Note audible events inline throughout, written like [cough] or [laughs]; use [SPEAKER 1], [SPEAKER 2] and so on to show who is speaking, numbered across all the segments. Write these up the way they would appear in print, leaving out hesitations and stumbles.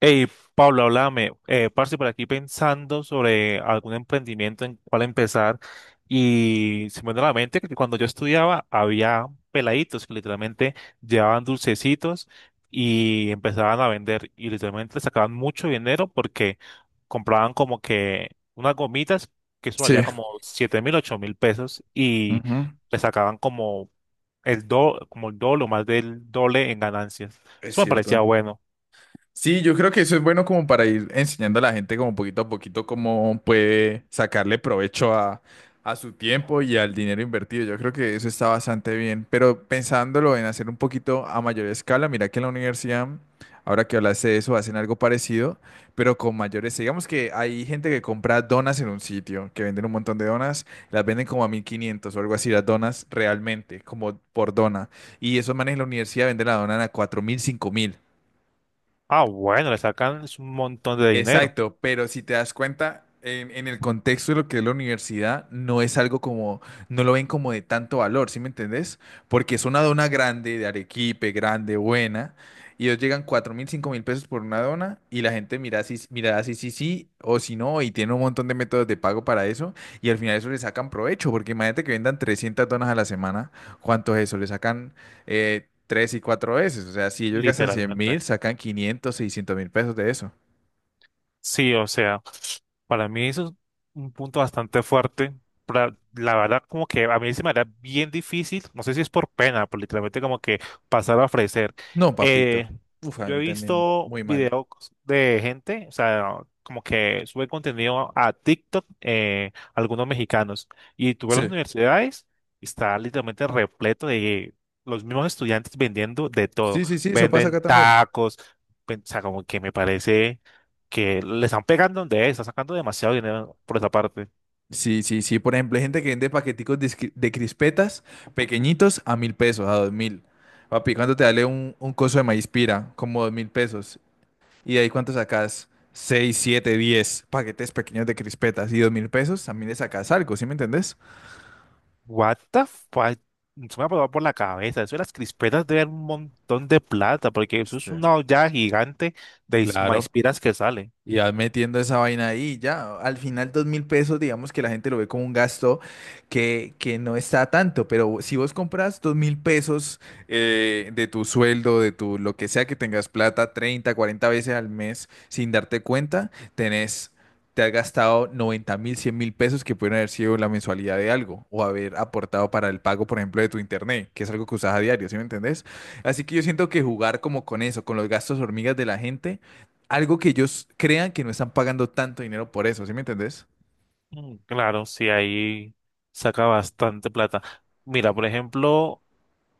[SPEAKER 1] Hey, Pablo, háblame. Parce, por aquí pensando sobre algún emprendimiento en cuál empezar. Y se me vino a la mente que cuando yo estudiaba había peladitos que literalmente llevaban dulcecitos y empezaban a vender. Y literalmente sacaban mucho dinero porque compraban como que unas gomitas que eso
[SPEAKER 2] Sí.
[SPEAKER 1] valía como 7.000, 8.000 pesos y
[SPEAKER 2] Ujú.
[SPEAKER 1] le sacaban como como el doble o más del doble en ganancias.
[SPEAKER 2] Es
[SPEAKER 1] Eso me parecía
[SPEAKER 2] cierto.
[SPEAKER 1] bueno.
[SPEAKER 2] Sí, yo creo que eso es bueno como para ir enseñando a la gente como poquito a poquito cómo puede sacarle provecho a su tiempo y al dinero invertido. Yo creo que eso está bastante bien, pero pensándolo en hacer un poquito a mayor escala, mira que en la universidad, ahora que hablaste de eso, hacen algo parecido, pero con mayores. Digamos que hay gente que compra donas en un sitio, que venden un montón de donas, las venden como a 1.500 o algo así, las donas realmente, como por dona. Y esos manes en la universidad venden la dona a 4.000 5.000.
[SPEAKER 1] Ah, bueno, le sacan un montón de dinero,
[SPEAKER 2] Exacto, pero si te das cuenta, en el contexto de lo que es la universidad, no es algo como, no lo ven como de tanto valor, ¿sí me entendés? Porque es una dona grande, de Arequipe, grande, buena, y ellos llegan 4.000, 5.000 pesos por una dona, y la gente mira si sí, sí, o si no, y tiene un montón de métodos de pago para eso, y al final eso le sacan provecho, porque imagínate que vendan 300 donas a la semana, ¿cuánto es eso? Le sacan... tres y cuatro veces, o sea, si ellos gastan cien
[SPEAKER 1] literalmente.
[SPEAKER 2] mil, sacan 500.000, 600.000 pesos de eso.
[SPEAKER 1] Sí, o sea, para mí eso es un punto bastante fuerte. La verdad, como que a mí se me hará bien difícil, no sé si es por pena, por literalmente como que pasar a ofrecer.
[SPEAKER 2] No, papito.
[SPEAKER 1] Eh,
[SPEAKER 2] Uf, a
[SPEAKER 1] yo he
[SPEAKER 2] mí también
[SPEAKER 1] visto
[SPEAKER 2] muy mal.
[SPEAKER 1] videos de gente, o sea, como que sube contenido a TikTok, algunos mexicanos, y tú ves las
[SPEAKER 2] Sí.
[SPEAKER 1] universidades, está literalmente repleto de los mismos estudiantes vendiendo de todo.
[SPEAKER 2] Sí, sí, sí, eso pasa acá
[SPEAKER 1] Venden
[SPEAKER 2] también.
[SPEAKER 1] tacos, o sea, como que me parece que le están pegando donde es, están sacando demasiado dinero por esa parte.
[SPEAKER 2] Sí, sí, sí. Por ejemplo, hay gente que vende paqueticos de crispetas pequeñitos a 1.000 pesos, a 2.000. Papi, ¿cuánto te vale un coso de maíz pira? Como 2.000 pesos. ¿Y de ahí cuánto sacas? Seis, siete, 10 paquetes pequeños de crispetas y 2.000 pesos. También le sacas algo, ¿sí me entendés?
[SPEAKER 1] What the fuck? Se me ha pasado por la cabeza. Eso de las crispetas deben un montón de plata, porque eso es
[SPEAKER 2] Sí.
[SPEAKER 1] una olla gigante de
[SPEAKER 2] Claro.
[SPEAKER 1] maispiras que sale.
[SPEAKER 2] Y vas metiendo esa vaina ahí, ya, al final 2.000 pesos, digamos que la gente lo ve como un gasto que no está tanto, pero si vos compras 2.000 pesos de tu sueldo, de tu lo que sea que tengas plata, 30 40 veces al mes sin darte cuenta, tenés, te has gastado 90.000, 100.000 pesos que pueden haber sido la mensualidad de algo o haber aportado para el pago, por ejemplo, de tu internet, que es algo que usas a diario, ¿sí me entendés? Así que yo siento que jugar como con eso, con los gastos hormigas de la gente algo que ellos crean que no están pagando tanto dinero por eso, ¿sí me entendés?
[SPEAKER 1] Mm, claro, sí, ahí saca bastante plata. Mira, por ejemplo,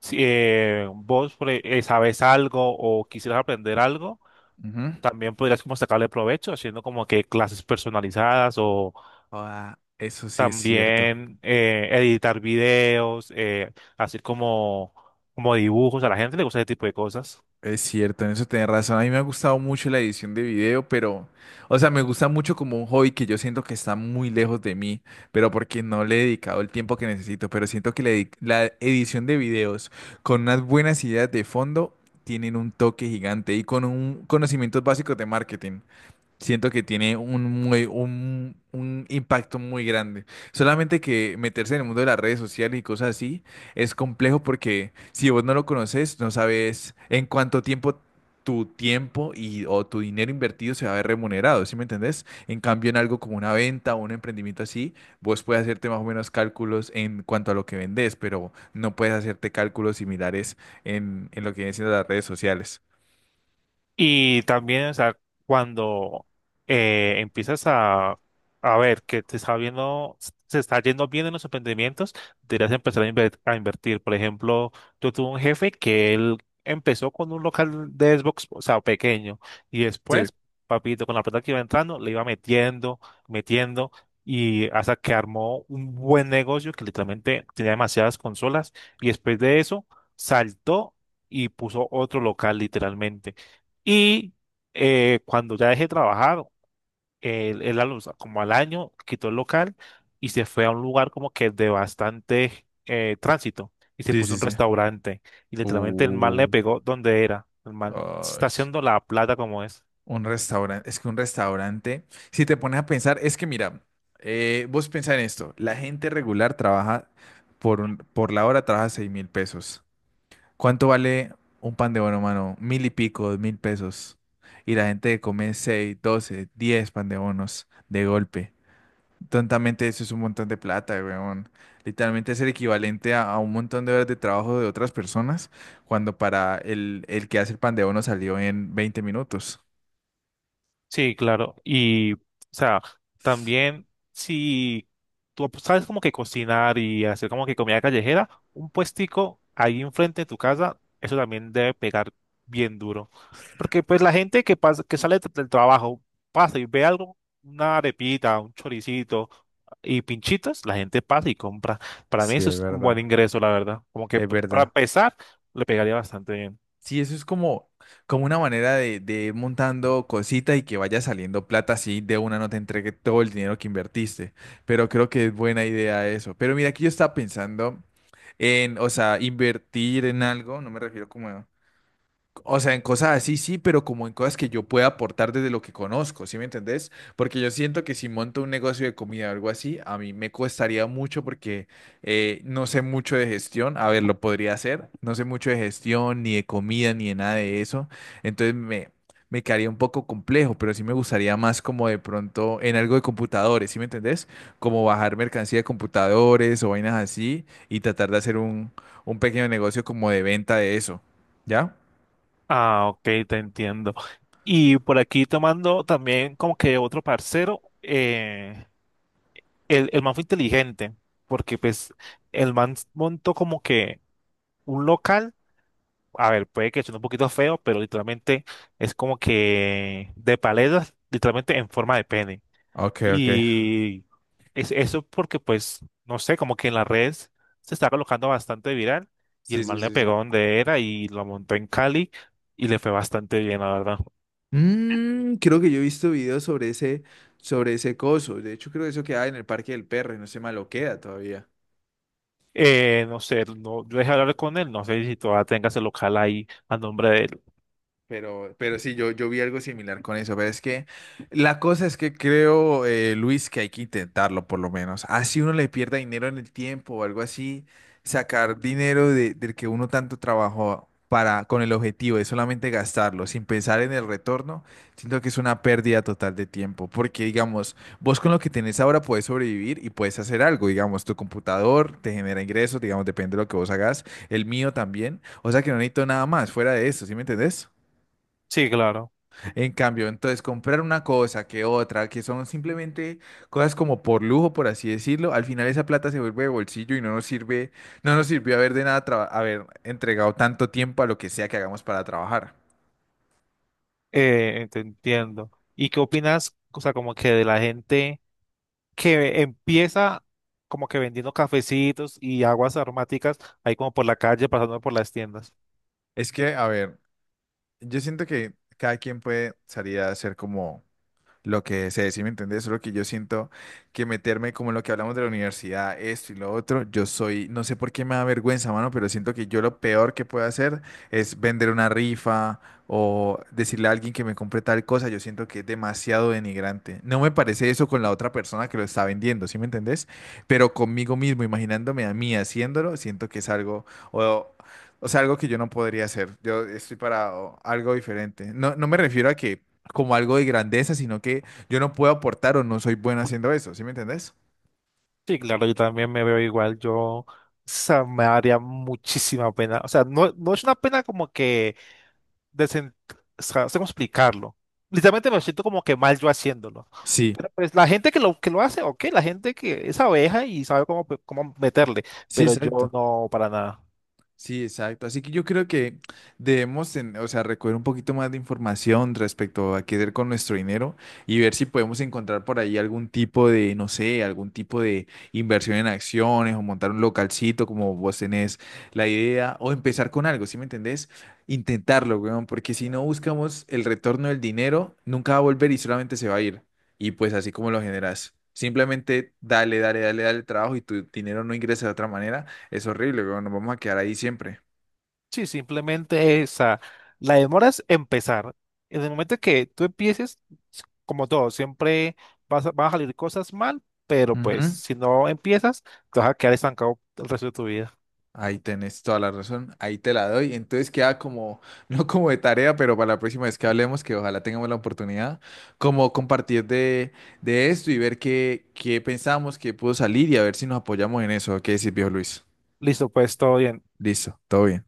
[SPEAKER 1] si vos sabes algo o quisieras aprender algo,
[SPEAKER 2] Ujú.
[SPEAKER 1] también podrías como sacarle provecho haciendo como que clases personalizadas o
[SPEAKER 2] Ah, eso sí es cierto.
[SPEAKER 1] también editar videos, hacer como, como dibujos. A la gente le gusta ese tipo de cosas.
[SPEAKER 2] Es cierto, en eso tenés razón. A mí me ha gustado mucho la edición de video, pero, o sea, me gusta mucho como un hobby que yo siento que está muy lejos de mí, pero porque no le he dedicado el tiempo que necesito. Pero siento que la edición de videos con unas buenas ideas de fondo tienen un toque gigante y con un conocimiento básico de marketing. Siento que tiene un impacto muy grande. Solamente que meterse en el mundo de las redes sociales y cosas así es complejo porque si vos no lo conoces, no sabes en cuánto tiempo tu tiempo y, o tu dinero invertido se va a ver remunerado, ¿sí me entendés? En cambio, en algo como una venta o un emprendimiento así, vos puedes hacerte más o menos cálculos en cuanto a lo que vendés, pero no puedes hacerte cálculos similares en lo que vienen siendo las redes sociales.
[SPEAKER 1] Y también, o sea, cuando empiezas a ver que te está viendo, se está yendo bien en los emprendimientos, deberías empezar a, a invertir. Por ejemplo, yo tuve un jefe que él empezó con un local de Xbox, o sea, pequeño, y
[SPEAKER 2] Sí,
[SPEAKER 1] después, papito, con la plata que iba entrando, le iba metiendo, metiendo, y hasta que armó un buen negocio que literalmente tenía demasiadas consolas, y después de eso, saltó y puso otro local literalmente. Y cuando ya dejé de trabajar, él como al año quitó el local y se fue a un lugar como que de bastante tránsito y se
[SPEAKER 2] sí,
[SPEAKER 1] puso
[SPEAKER 2] sí,
[SPEAKER 1] un
[SPEAKER 2] sí.
[SPEAKER 1] restaurante. Y literalmente el man
[SPEAKER 2] Uh.
[SPEAKER 1] le pegó donde era. El man se
[SPEAKER 2] Ay.
[SPEAKER 1] está haciendo la plata como es.
[SPEAKER 2] Un restaurante, es que un restaurante, si te pones a pensar, es que mira, vos pensás en esto, la gente regular trabaja por la hora, trabaja 6.000 pesos. ¿Cuánto vale un pan de bono, mano? 1.000 y pico, 2.000 pesos. Y la gente come seis, 12, 10 pan de bonos de golpe. Tontamente eso es un montón de plata, weón. Literalmente es el equivalente a un montón de horas de trabajo de otras personas cuando para el que hace el pan de bono salió en 20 minutos.
[SPEAKER 1] Sí, claro. Y, o sea, también si tú sabes como que cocinar y hacer como que comida callejera, un puestico ahí enfrente de tu casa, eso también debe pegar bien duro. Porque pues la gente que pasa, que sale del trabajo, pasa y ve algo, una arepita, un choricito y pinchitos, la gente pasa y compra. Para mí
[SPEAKER 2] Sí,
[SPEAKER 1] eso
[SPEAKER 2] es
[SPEAKER 1] es un buen
[SPEAKER 2] verdad.
[SPEAKER 1] ingreso, la verdad. Como que
[SPEAKER 2] Es
[SPEAKER 1] para
[SPEAKER 2] verdad.
[SPEAKER 1] empezar, le pegaría bastante bien.
[SPEAKER 2] Sí, eso es como una manera de ir montando cositas y que vaya saliendo plata así de una no te entregue todo el dinero que invertiste. Pero creo que es buena idea eso. Pero mira, aquí yo estaba pensando en, o sea, invertir en algo, no me refiero como a o sea, en cosas así sí, pero como en cosas que yo pueda aportar desde lo que conozco, ¿sí me entendés? Porque yo siento que si monto un negocio de comida o algo así, a mí me costaría mucho porque no sé mucho de gestión. A ver, lo podría hacer. No sé mucho de gestión, ni de comida, ni de nada de eso. Entonces me quedaría un poco complejo, pero sí me gustaría más como de pronto en algo de computadores, ¿sí me entendés? Como bajar mercancía de computadores o vainas así y tratar de hacer un pequeño negocio como de venta de eso. ¿Ya?
[SPEAKER 1] Ah, ok, te entiendo. Y por aquí tomando también como que otro parcero, el man fue inteligente, porque pues el man montó como que un local, a ver, puede que suene un poquito feo, pero literalmente es como que de paletas, literalmente en forma de pene.
[SPEAKER 2] Ok, ok.
[SPEAKER 1] Y es eso porque pues, no sé, como que en las redes se está colocando bastante viral y
[SPEAKER 2] Sí,
[SPEAKER 1] el
[SPEAKER 2] sí,
[SPEAKER 1] man le
[SPEAKER 2] sí,
[SPEAKER 1] pegó
[SPEAKER 2] sí.
[SPEAKER 1] donde era y lo montó en Cali y le fue bastante bien, la verdad.
[SPEAKER 2] Mm, creo que yo he visto videos sobre ese coso. De hecho, creo que eso queda en el Parque del Perro y no se maloquea todavía.
[SPEAKER 1] No sé, no, yo dejé hablar con él, no sé si todavía tenga ese local ahí a nombre de él.
[SPEAKER 2] Pero sí, yo vi algo similar con eso, pero es que la cosa es que creo, Luis, que hay que intentarlo por lo menos. Así uno le pierda dinero en el tiempo o algo así, sacar dinero del que uno tanto trabajó para, con el objetivo de solamente gastarlo sin pensar en el retorno, siento que es una pérdida total de tiempo, porque digamos, vos con lo que tenés ahora puedes sobrevivir y puedes hacer algo, digamos, tu computador te genera ingresos, digamos, depende de lo que vos hagas, el mío también, o sea que no necesito nada más fuera de eso, ¿sí me entendés?
[SPEAKER 1] Sí, claro,
[SPEAKER 2] En cambio, entonces comprar una cosa que otra, que son simplemente cosas como por lujo, por así decirlo, al final esa plata se vuelve de bolsillo y no nos sirve, no nos sirvió haber de nada haber entregado tanto tiempo a lo que sea que hagamos para trabajar.
[SPEAKER 1] te entiendo. ¿Y qué opinas, o sea, como que de la gente que empieza como que vendiendo cafecitos y aguas aromáticas ahí como por la calle, pasando por las tiendas?
[SPEAKER 2] Es que, a ver, yo siento que cada quien puede salir a hacer como lo que se decía, ¿me entendés? Solo que yo siento que meterme como en lo que hablamos de la universidad, esto y lo otro, yo soy, no sé por qué me da vergüenza, mano, pero siento que yo lo peor que puedo hacer es vender una rifa o decirle a alguien que me compre tal cosa, yo siento que es demasiado denigrante. No me parece eso con la otra persona que lo está vendiendo, ¿sí me entendés? Pero conmigo mismo, imaginándome a mí haciéndolo, siento que es algo... O, o sea, algo que yo no podría hacer. Yo estoy para algo diferente. No, no me refiero a que como algo de grandeza, sino que yo no puedo aportar o no soy bueno haciendo eso, ¿sí me entendés?
[SPEAKER 1] Sí, claro, yo también me veo igual, yo, o sea, me daría muchísima pena, o sea, no, no es una pena como que, de sen- o sea, no sé cómo explicarlo, literalmente me siento como que mal yo haciéndolo,
[SPEAKER 2] Sí,
[SPEAKER 1] pero pues la gente que lo hace, ok, la gente que es abeja y sabe cómo, cómo meterle,
[SPEAKER 2] sí,
[SPEAKER 1] pero yo
[SPEAKER 2] exacto.
[SPEAKER 1] no, para nada.
[SPEAKER 2] Sí, exacto. Así que yo creo que debemos, o sea, recoger un poquito más de información respecto a qué hacer con nuestro dinero y ver si podemos encontrar por ahí algún tipo de, no sé, algún tipo de inversión en acciones o montar un localcito como vos tenés la idea o empezar con algo, ¿sí me entendés? Intentarlo, weón, porque si no buscamos el retorno del dinero, nunca va a volver y solamente se va a ir. Y pues así como lo generas. Simplemente dale, dale, dale, dale trabajo y tu dinero no ingresa de otra manera es horrible, weón. Nos vamos a quedar ahí siempre.
[SPEAKER 1] Sí, simplemente esa. La demora es empezar. En el momento que tú empieces, como todo, siempre vas a, van a salir cosas mal, pero pues
[SPEAKER 2] Ujú.
[SPEAKER 1] si no empiezas, te vas a quedar estancado el resto de tu vida.
[SPEAKER 2] Ahí tenés toda la razón. Ahí te la doy. Entonces queda como, [laughs] no como de tarea, pero para la próxima vez que hablemos, que ojalá tengamos la oportunidad, como compartir de esto y ver qué pensamos, qué pudo salir y a ver si nos apoyamos en eso. ¿Qué decís, viejo Luis?
[SPEAKER 1] Listo, pues todo bien.
[SPEAKER 2] Listo, todo bien.